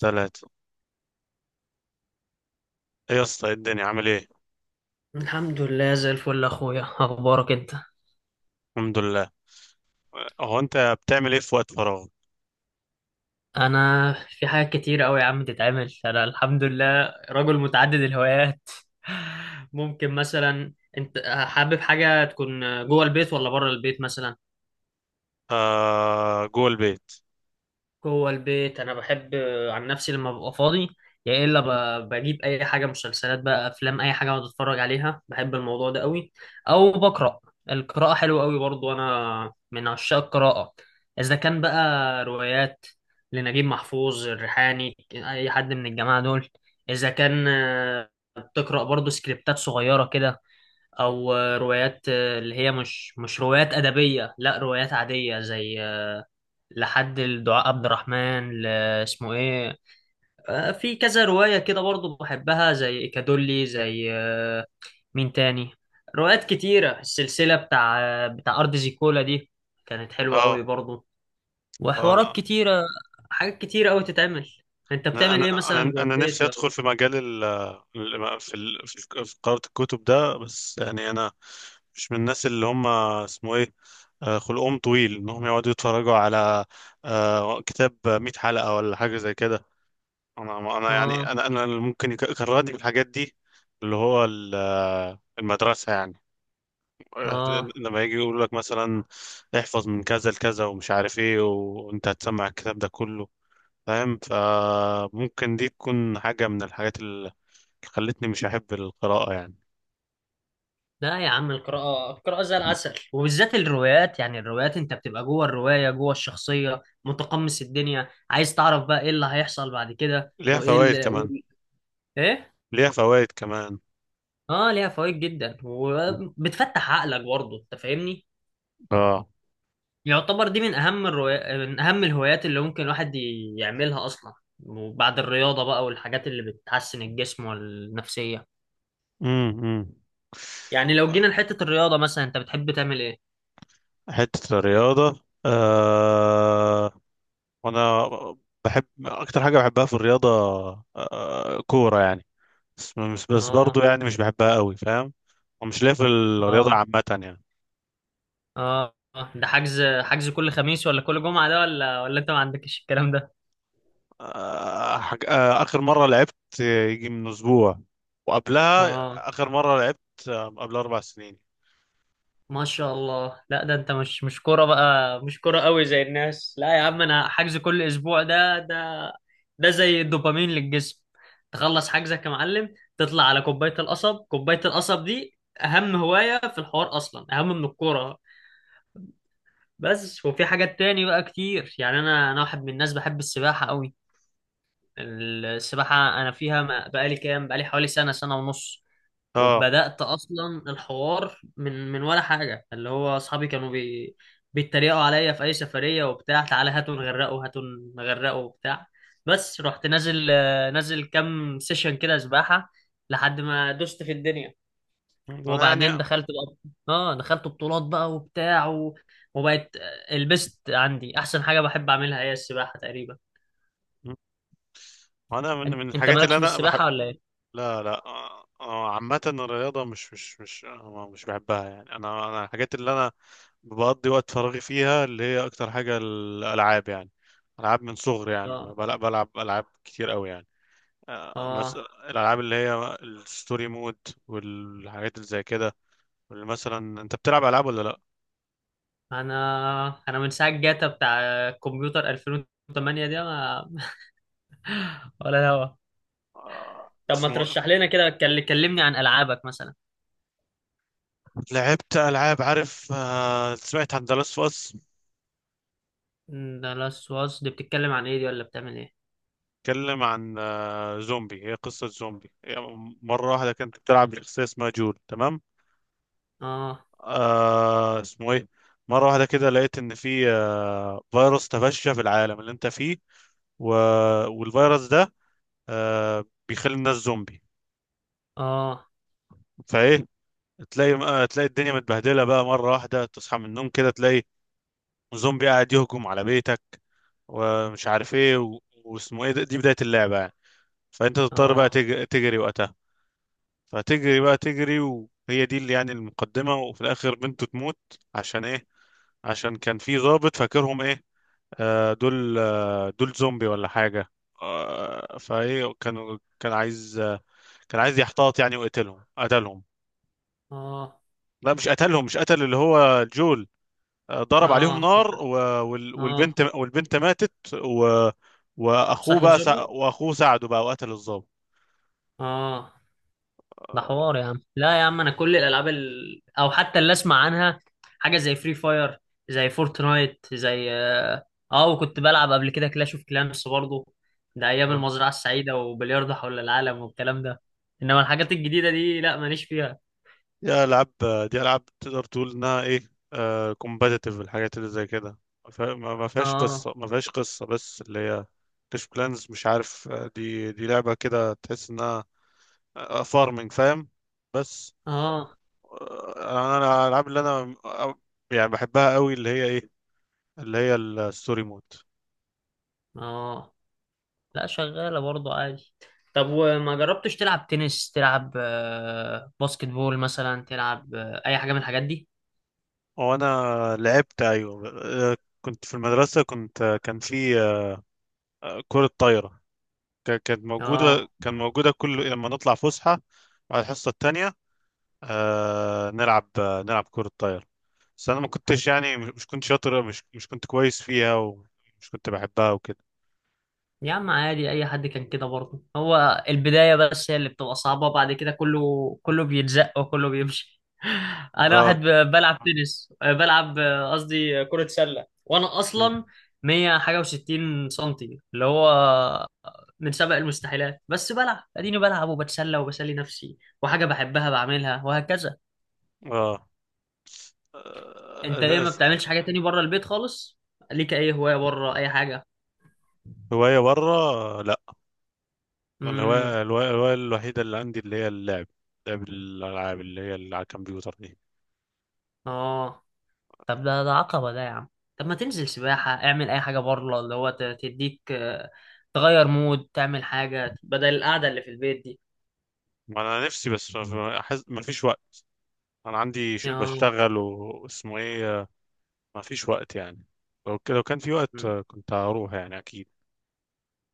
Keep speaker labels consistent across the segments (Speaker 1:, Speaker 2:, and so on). Speaker 1: ثلاثة. ايه يا اسطى، إيه الدنيا؟ عامل ايه؟
Speaker 2: الحمد لله زي الفل يا اخويا اخبارك انت.
Speaker 1: الحمد لله. هو انت بتعمل ايه في وقت فراغ؟
Speaker 2: انا في حاجات كتير قوي يا عم تتعمل، انا الحمد لله رجل متعدد الهوايات. ممكن مثلا انت حابب حاجه تكون جوه البيت ولا بره البيت مثلا؟
Speaker 1: آه، جوه البيت.
Speaker 2: جوه البيت انا بحب، عن نفسي لما ببقى فاضي يا الا بجيب اي حاجه، مسلسلات بقى، افلام، اي حاجه اقعد اتفرج عليها، بحب الموضوع ده قوي، او بقرا. القراءه حلوه قوي برضو، انا من عشاق القراءه. اذا كان بقى روايات لنجيب محفوظ، الريحاني، اي حد من الجماعه دول. اذا كان بتقرا برضو سكريبتات صغيره كده، او روايات، اللي هي مش روايات ادبيه، لا روايات عاديه زي لحد الدعاء عبد الرحمن اسمه ايه، في كذا رواية كده برضو بحبها، زي كادولي، زي مين تاني، روايات كتيرة. السلسلة بتاع بتاع أرض زيكولا دي كانت حلوة
Speaker 1: اه.
Speaker 2: قوي برضو.
Speaker 1: آه،
Speaker 2: وحوارات كتيرة، حاجات كتيرة قوي تتعمل. انت
Speaker 1: انا
Speaker 2: بتعمل ايه
Speaker 1: انا
Speaker 2: مثلا
Speaker 1: انا
Speaker 2: جوه
Speaker 1: انا
Speaker 2: البيت
Speaker 1: نفسي ادخل
Speaker 2: لو؟
Speaker 1: في مجال ال ال- في ال- في في قراءة الكتب ده، بس يعني انا مش من الناس اللي هم اسمه ايه خلقهم طويل انهم يقعدوا يتفرجوا على كتاب 100 حلقة ولا حاجة زي كده. انا يعني
Speaker 2: اه.
Speaker 1: انا اللي ممكن يكرهني في الحاجات دي، اللي هو المدرسة يعني. آه،
Speaker 2: اه
Speaker 1: لما يجي يقول لك مثلا احفظ من كذا لكذا ومش عارف ايه، وانت هتسمع الكتاب ده كله، فاهم؟ فممكن دي تكون حاجة من الحاجات اللي خلتني مش أحب القراءة يعني.
Speaker 2: لا يا عم، القراءة القراءة زي العسل، وبالذات الروايات، يعني الروايات انت بتبقى جوه الرواية، جوه الشخصية، متقمص الدنيا، عايز تعرف بقى ايه اللي هيحصل بعد كده،
Speaker 1: ليها
Speaker 2: وايه
Speaker 1: فوائد كمان.
Speaker 2: ايه؟
Speaker 1: ليها فوائد كمان.
Speaker 2: اه ليها فوائد جدا، وبتفتح عقلك برضه، انت فاهمني.
Speaker 1: اه.
Speaker 2: يعتبر دي من اهم الروايات، من اهم الهوايات اللي ممكن الواحد يعملها اصلا. وبعد الرياضة بقى والحاجات اللي بتحسن الجسم والنفسية.
Speaker 1: امم
Speaker 2: يعني لو جينا لحتة الرياضة مثلا، انت بتحب تعمل ايه؟
Speaker 1: حتة الرياضة آه، وانا بحب اكتر حاجة بحبها في الرياضة آه، كورة يعني. بس برضو
Speaker 2: اه.
Speaker 1: يعني مش بحبها قوي، فاهم؟ ومش ليا في الرياضة
Speaker 2: اه.
Speaker 1: عامة يعني.
Speaker 2: اه. آه. ده حجز حجز كل خميس ولا كل جمعة ده، ولا انت ما عندكش الكلام ده؟
Speaker 1: آه، حاج... آه، آخر مرة لعبت يجي من أسبوع، وقبلها
Speaker 2: اه
Speaker 1: آخر مرة لعبت قبل أربع سنين.
Speaker 2: ما شاء الله، لا ده انت مش كورة بقى، مش كورة قوي زي الناس. لا يا عم، انا حجز كل اسبوع، ده ده ده زي الدوبامين للجسم. تخلص حجزك يا معلم، تطلع على كوباية القصب. كوباية القصب دي اهم هواية في الحوار، اصلا اهم من الكورة. بس وفي حاجات تاني بقى كتير، يعني انا واحد من الناس بحب السباحة قوي. السباحة أنا فيها بقالي حوالي سنة سنة ونص،
Speaker 1: اه،
Speaker 2: وبدأت أصلا الحوار من ولا حاجة، اللي هو أصحابي كانوا بيتريقوا عليا في أي سفرية وبتاع، تعالى هاتوا نغرقوا، هاتوا نغرقوا وبتاع. بس رحت نازل، نازل كام سيشن كده سباحة، لحد ما دوست في الدنيا،
Speaker 1: أنا يعني
Speaker 2: وبعدين دخلت بقى، اه دخلت بطولات بقى وبتاع وبقت البست عندي أحسن حاجة بحب أعملها هي السباحة تقريبا.
Speaker 1: أنا من من
Speaker 2: انت
Speaker 1: الحاجات اللي
Speaker 2: مالكش في
Speaker 1: أنا بحب.
Speaker 2: السباحة ولا ايه؟
Speaker 1: لا لا آه، آه، عامة الرياضة مش بحبها يعني. أنا الحاجات اللي أنا بقضي وقت فراغي فيها اللي هي أكتر حاجة الألعاب يعني. ألعاب من صغري، يعني
Speaker 2: اه.
Speaker 1: بلعب ألعاب كتير قوي يعني.
Speaker 2: اه.
Speaker 1: الالعاب اللي هي الستوري مود والحاجات اللي زي كده. واللي مثلا انت بتلعب العاب ولا لا؟
Speaker 2: انا انا من ساعه جاتا بتاع كمبيوتر 2008 دي ما... ولا هوا. طب ما
Speaker 1: اسمه
Speaker 2: ترشح لنا كده، كلمني عن العابك مثلا.
Speaker 1: لعبت العاب، عارف، سمعت عن دلاس فاس؟
Speaker 2: ده لاست واس دي بتتكلم عن ايه، دي ولا بتعمل ايه؟
Speaker 1: اتكلم عن زومبي، هي قصة زومبي. هي مرة واحدة كنت بتلعب بشخصية اسمها جول، تمام.
Speaker 2: اه.
Speaker 1: آه اسمه ايه مرة واحدة كده لقيت ان في فيروس تفشى في العالم اللي انت فيه، و... والفيروس ده بيخلي الناس زومبي.
Speaker 2: اه.
Speaker 1: فايه، تلاقي تلاقي الدنيا متبهدله بقى، مره واحده تصحى من النوم كده تلاقي زومبي قاعد يهجم على بيتك، ومش عارف ايه و... واسمه ايه ده- دي بدايه اللعبه يعني. فانت تضطر بقى
Speaker 2: اه.
Speaker 1: تجري وقتها. فتجري بقى تجري وهي دي اللي يعني المقدمه، وفي الاخر بنته تموت. عشان ايه؟ عشان كان في ضابط، فاكرهم ايه، آه دول آه دول زومبي ولا حاجه. آه، فايه كان كان عايز آه، كان عايز يحتاط يعني ويقتلهم، قتلهم.
Speaker 2: اه.
Speaker 1: لا، مش قتلهم، مش قتل اللي هو جول، ضرب عليهم
Speaker 2: اه.
Speaker 1: نار
Speaker 2: اه.
Speaker 1: والبنت، والبنت ماتت واخوه
Speaker 2: صحيح
Speaker 1: بقى سع...
Speaker 2: جولي.
Speaker 1: واخوه ساعده بقى وقتل الضابط.
Speaker 2: اه. ده
Speaker 1: آه.
Speaker 2: حوار يا عم. لا يا عم، انا كل الالعاب او حتى اللي اسمع عنها، حاجه زي فري فاير، زي فورتنايت، زي، اه، وكنت بلعب قبل كده كلاش اوف كلانس برضه، ده ايام
Speaker 1: آه.
Speaker 2: المزرعه السعيده وبلياردو حول العالم والكلام ده. انما الحاجات الجديده دي لا، ماليش فيها.
Speaker 1: دي العاب. دي العاب تقدر تقول انها ايه، كومبتيتيف، الحاجات اللي زي كده. ما فيها- ما- ما فيهاش
Speaker 2: اه.
Speaker 1: قصه ما فيهاش قصه، بس اللي هي كلاش بلانز، مش عارف. دي لعبه كده، تحس انها فارمنج، فاهم. بس
Speaker 2: اه.
Speaker 1: آه، انا أنا الالعاب اللي انا يعني بحبها قوي اللي هي ايه، اللي هي الستوري مود.
Speaker 2: اه. لا شغاله برضه عادي. طب وما جربتش تلعب تنس، تلعب باسكت بول مثلا، تلعب اي حاجه من الحاجات دي؟
Speaker 1: هو انا لعبت، ايوه، آه، كنت في المدرسه، كنت كان في كره طايره،
Speaker 2: اه
Speaker 1: كان موجوده كل لما نطلع فسحه على الحصه التانية نلعب كره طايره. بس انا ما كنتش يعني مش كنت كويس فيها، ومش كنت بحبها وكده.
Speaker 2: يا عم عادي، اي حد كان كده برضه، هو البدايه بس هي اللي بتبقى صعبه، بعد كده كله كله بيتزق وكله بيمشي. انا
Speaker 1: اه.
Speaker 2: واحد بلعب تنس، بلعب قصدي كره سله، وانا
Speaker 1: مم.
Speaker 2: اصلا 100 حاجه و60 سنتي، اللي هو من سبق المستحيلات، بس بلعب، اديني بلعب وبتسلى وبسلي نفسي، وحاجه بحبها بعملها، وهكذا.
Speaker 1: اه
Speaker 2: انت ايه،
Speaker 1: آه،
Speaker 2: ما
Speaker 1: أس-
Speaker 2: بتعملش حاجه تاني بره البيت خالص؟ ليك اي هوايه بره، اي حاجه؟
Speaker 1: هوايه بره لا.
Speaker 2: امم.
Speaker 1: الهوايه الهوايه الهواية الوحيده اللي عندي اللي هي اللعب، لعب الالعاب اللي هي اللي على الكمبيوتر دي.
Speaker 2: اه طب ده ده عقبة ده يا عم. طب ما تنزل سباحة، اعمل أي حاجة بره اللي هو تديك، تغير مود، تعمل حاجة بدل القعدة اللي في البيت دي.
Speaker 1: ما انا نفسي، بس ما فيش وقت. انا عندي
Speaker 2: يا
Speaker 1: بشتغل واسمه ايه ما فيش وقت يعني. لو كان في وقت
Speaker 2: مم.
Speaker 1: كنت هروح يعني اكيد.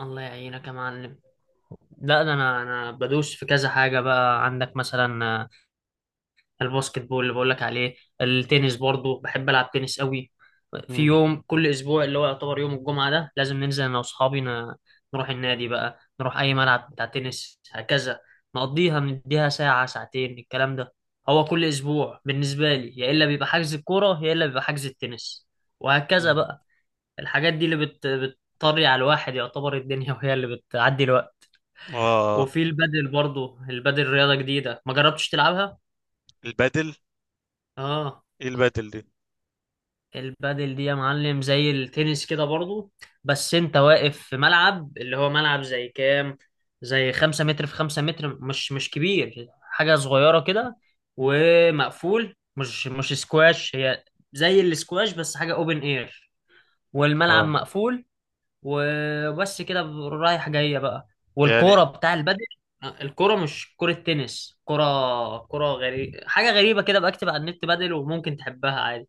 Speaker 2: الله يعينك يا معلم. لا ده أنا بدوس في كذا حاجة بقى عندك مثلا، الباسكت بول اللي بقولك عليه، التنس برضو بحب ألعب تنس قوي. في
Speaker 1: مم.
Speaker 2: يوم كل أسبوع اللي هو يعتبر يوم الجمعة، ده لازم ننزل أنا وأصحابي نروح النادي بقى، نروح أي ملعب بتاع تنس، هكذا نقضيها، نديها ساعة ساعتين الكلام ده. هو كل أسبوع بالنسبة لي يا إلا بيبقى حجز الكورة، يا إلا بيبقى حجز التنس، وهكذا
Speaker 1: مم.
Speaker 2: بقى. الحاجات دي اللي بتطري على الواحد، يعتبر الدنيا، وهي اللي بتعدي الوقت.
Speaker 1: اه.
Speaker 2: وفي البادل برضو، البادل رياضة جديدة، ما جربتش تلعبها؟
Speaker 1: البدل؟
Speaker 2: اه.
Speaker 1: ايه البدل دي؟
Speaker 2: البادل دي يا معلم زي التنس كده برضو، بس انت واقف في ملعب اللي هو ملعب زي كام، زي 5 متر في 5 متر، مش مش كبير، حاجة صغيرة كده، ومقفول، مش مش سكواش هي، زي السكواش بس حاجة اوبن اير، والملعب
Speaker 1: اه،
Speaker 2: مقفول. وبس كده، رايح جاية بقى،
Speaker 1: يعني
Speaker 2: والكورة بتاع البادل، الكرة مش كرة تنس، كرة كرة غريبة، حاجة غريبة كده. بكتب على النت بادل، وممكن تحبها عادي.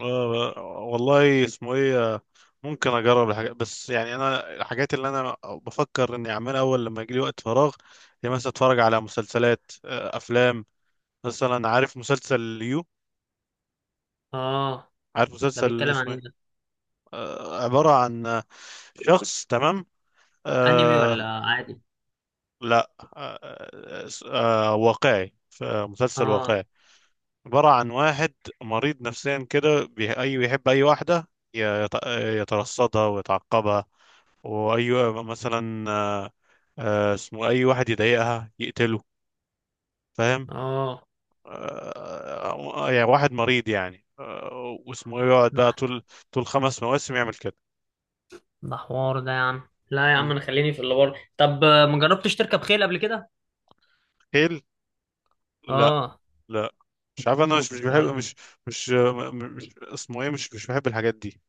Speaker 1: آه. والله اسمه ايه ممكن اجرب الحاجات، بس يعني انا الحاجات اللي انا بفكر اني اعملها اول لما يجي لي وقت فراغ هي مثلا اتفرج على مسلسلات افلام. مثلا عارف مسلسل يو،
Speaker 2: اه.
Speaker 1: عارف
Speaker 2: ده
Speaker 1: مسلسل
Speaker 2: بيتكلم عن
Speaker 1: اسمه
Speaker 2: ايه
Speaker 1: إيه؟
Speaker 2: ده،
Speaker 1: عبارة عن شخص، تمام.
Speaker 2: انمي
Speaker 1: آه.
Speaker 2: ولا عادي؟
Speaker 1: لا آه، واقعي، مسلسل
Speaker 2: اه.
Speaker 1: واقعي. عبارة عن واحد مريض نفسيا كده، بي- أي بيحب أي واحدة يترصدها ويتعقبها، وأي مثلا آه، آه، اسمه أي واحد يضايقها يقتله، فاهم.
Speaker 2: اه.
Speaker 1: يعني واحد مريض يعني واسمه إيه، يقعد
Speaker 2: ده
Speaker 1: بقى طول خمس مواسم يعمل كده.
Speaker 2: ده حوار ده يا عم. لا يا عم،
Speaker 1: م.
Speaker 2: انا خليني في اللي بره. طب ما جربتش تركب خيل قبل كده؟
Speaker 1: حيل؟ لا.
Speaker 2: اه.
Speaker 1: لا، مش عارف، انا مش مش
Speaker 2: يا
Speaker 1: بحب،
Speaker 2: ر...
Speaker 1: مش مش م- مش اسمه ايه مش مش بحب الحاجات دي.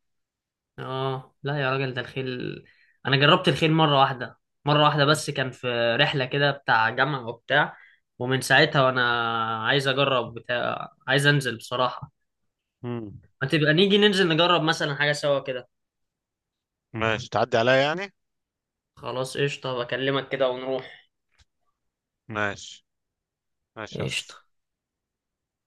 Speaker 2: اه لا يا راجل، ده الخيل انا جربت الخيل مره واحده، مره واحده بس، كان في رحله كده بتاع جامعه وبتاع، ومن ساعتها وانا عايز اجرب بتاع، عايز انزل بصراحه.
Speaker 1: مم.
Speaker 2: ما تبقى نيجي ننزل نجرب مثلا حاجه سوا كده.
Speaker 1: ماشي، تعدي عليا يعني.
Speaker 2: خلاص قشطه، بكلمك كده ونروح.
Speaker 1: ماشي. ماشي يا اسطى.
Speaker 2: قشطه.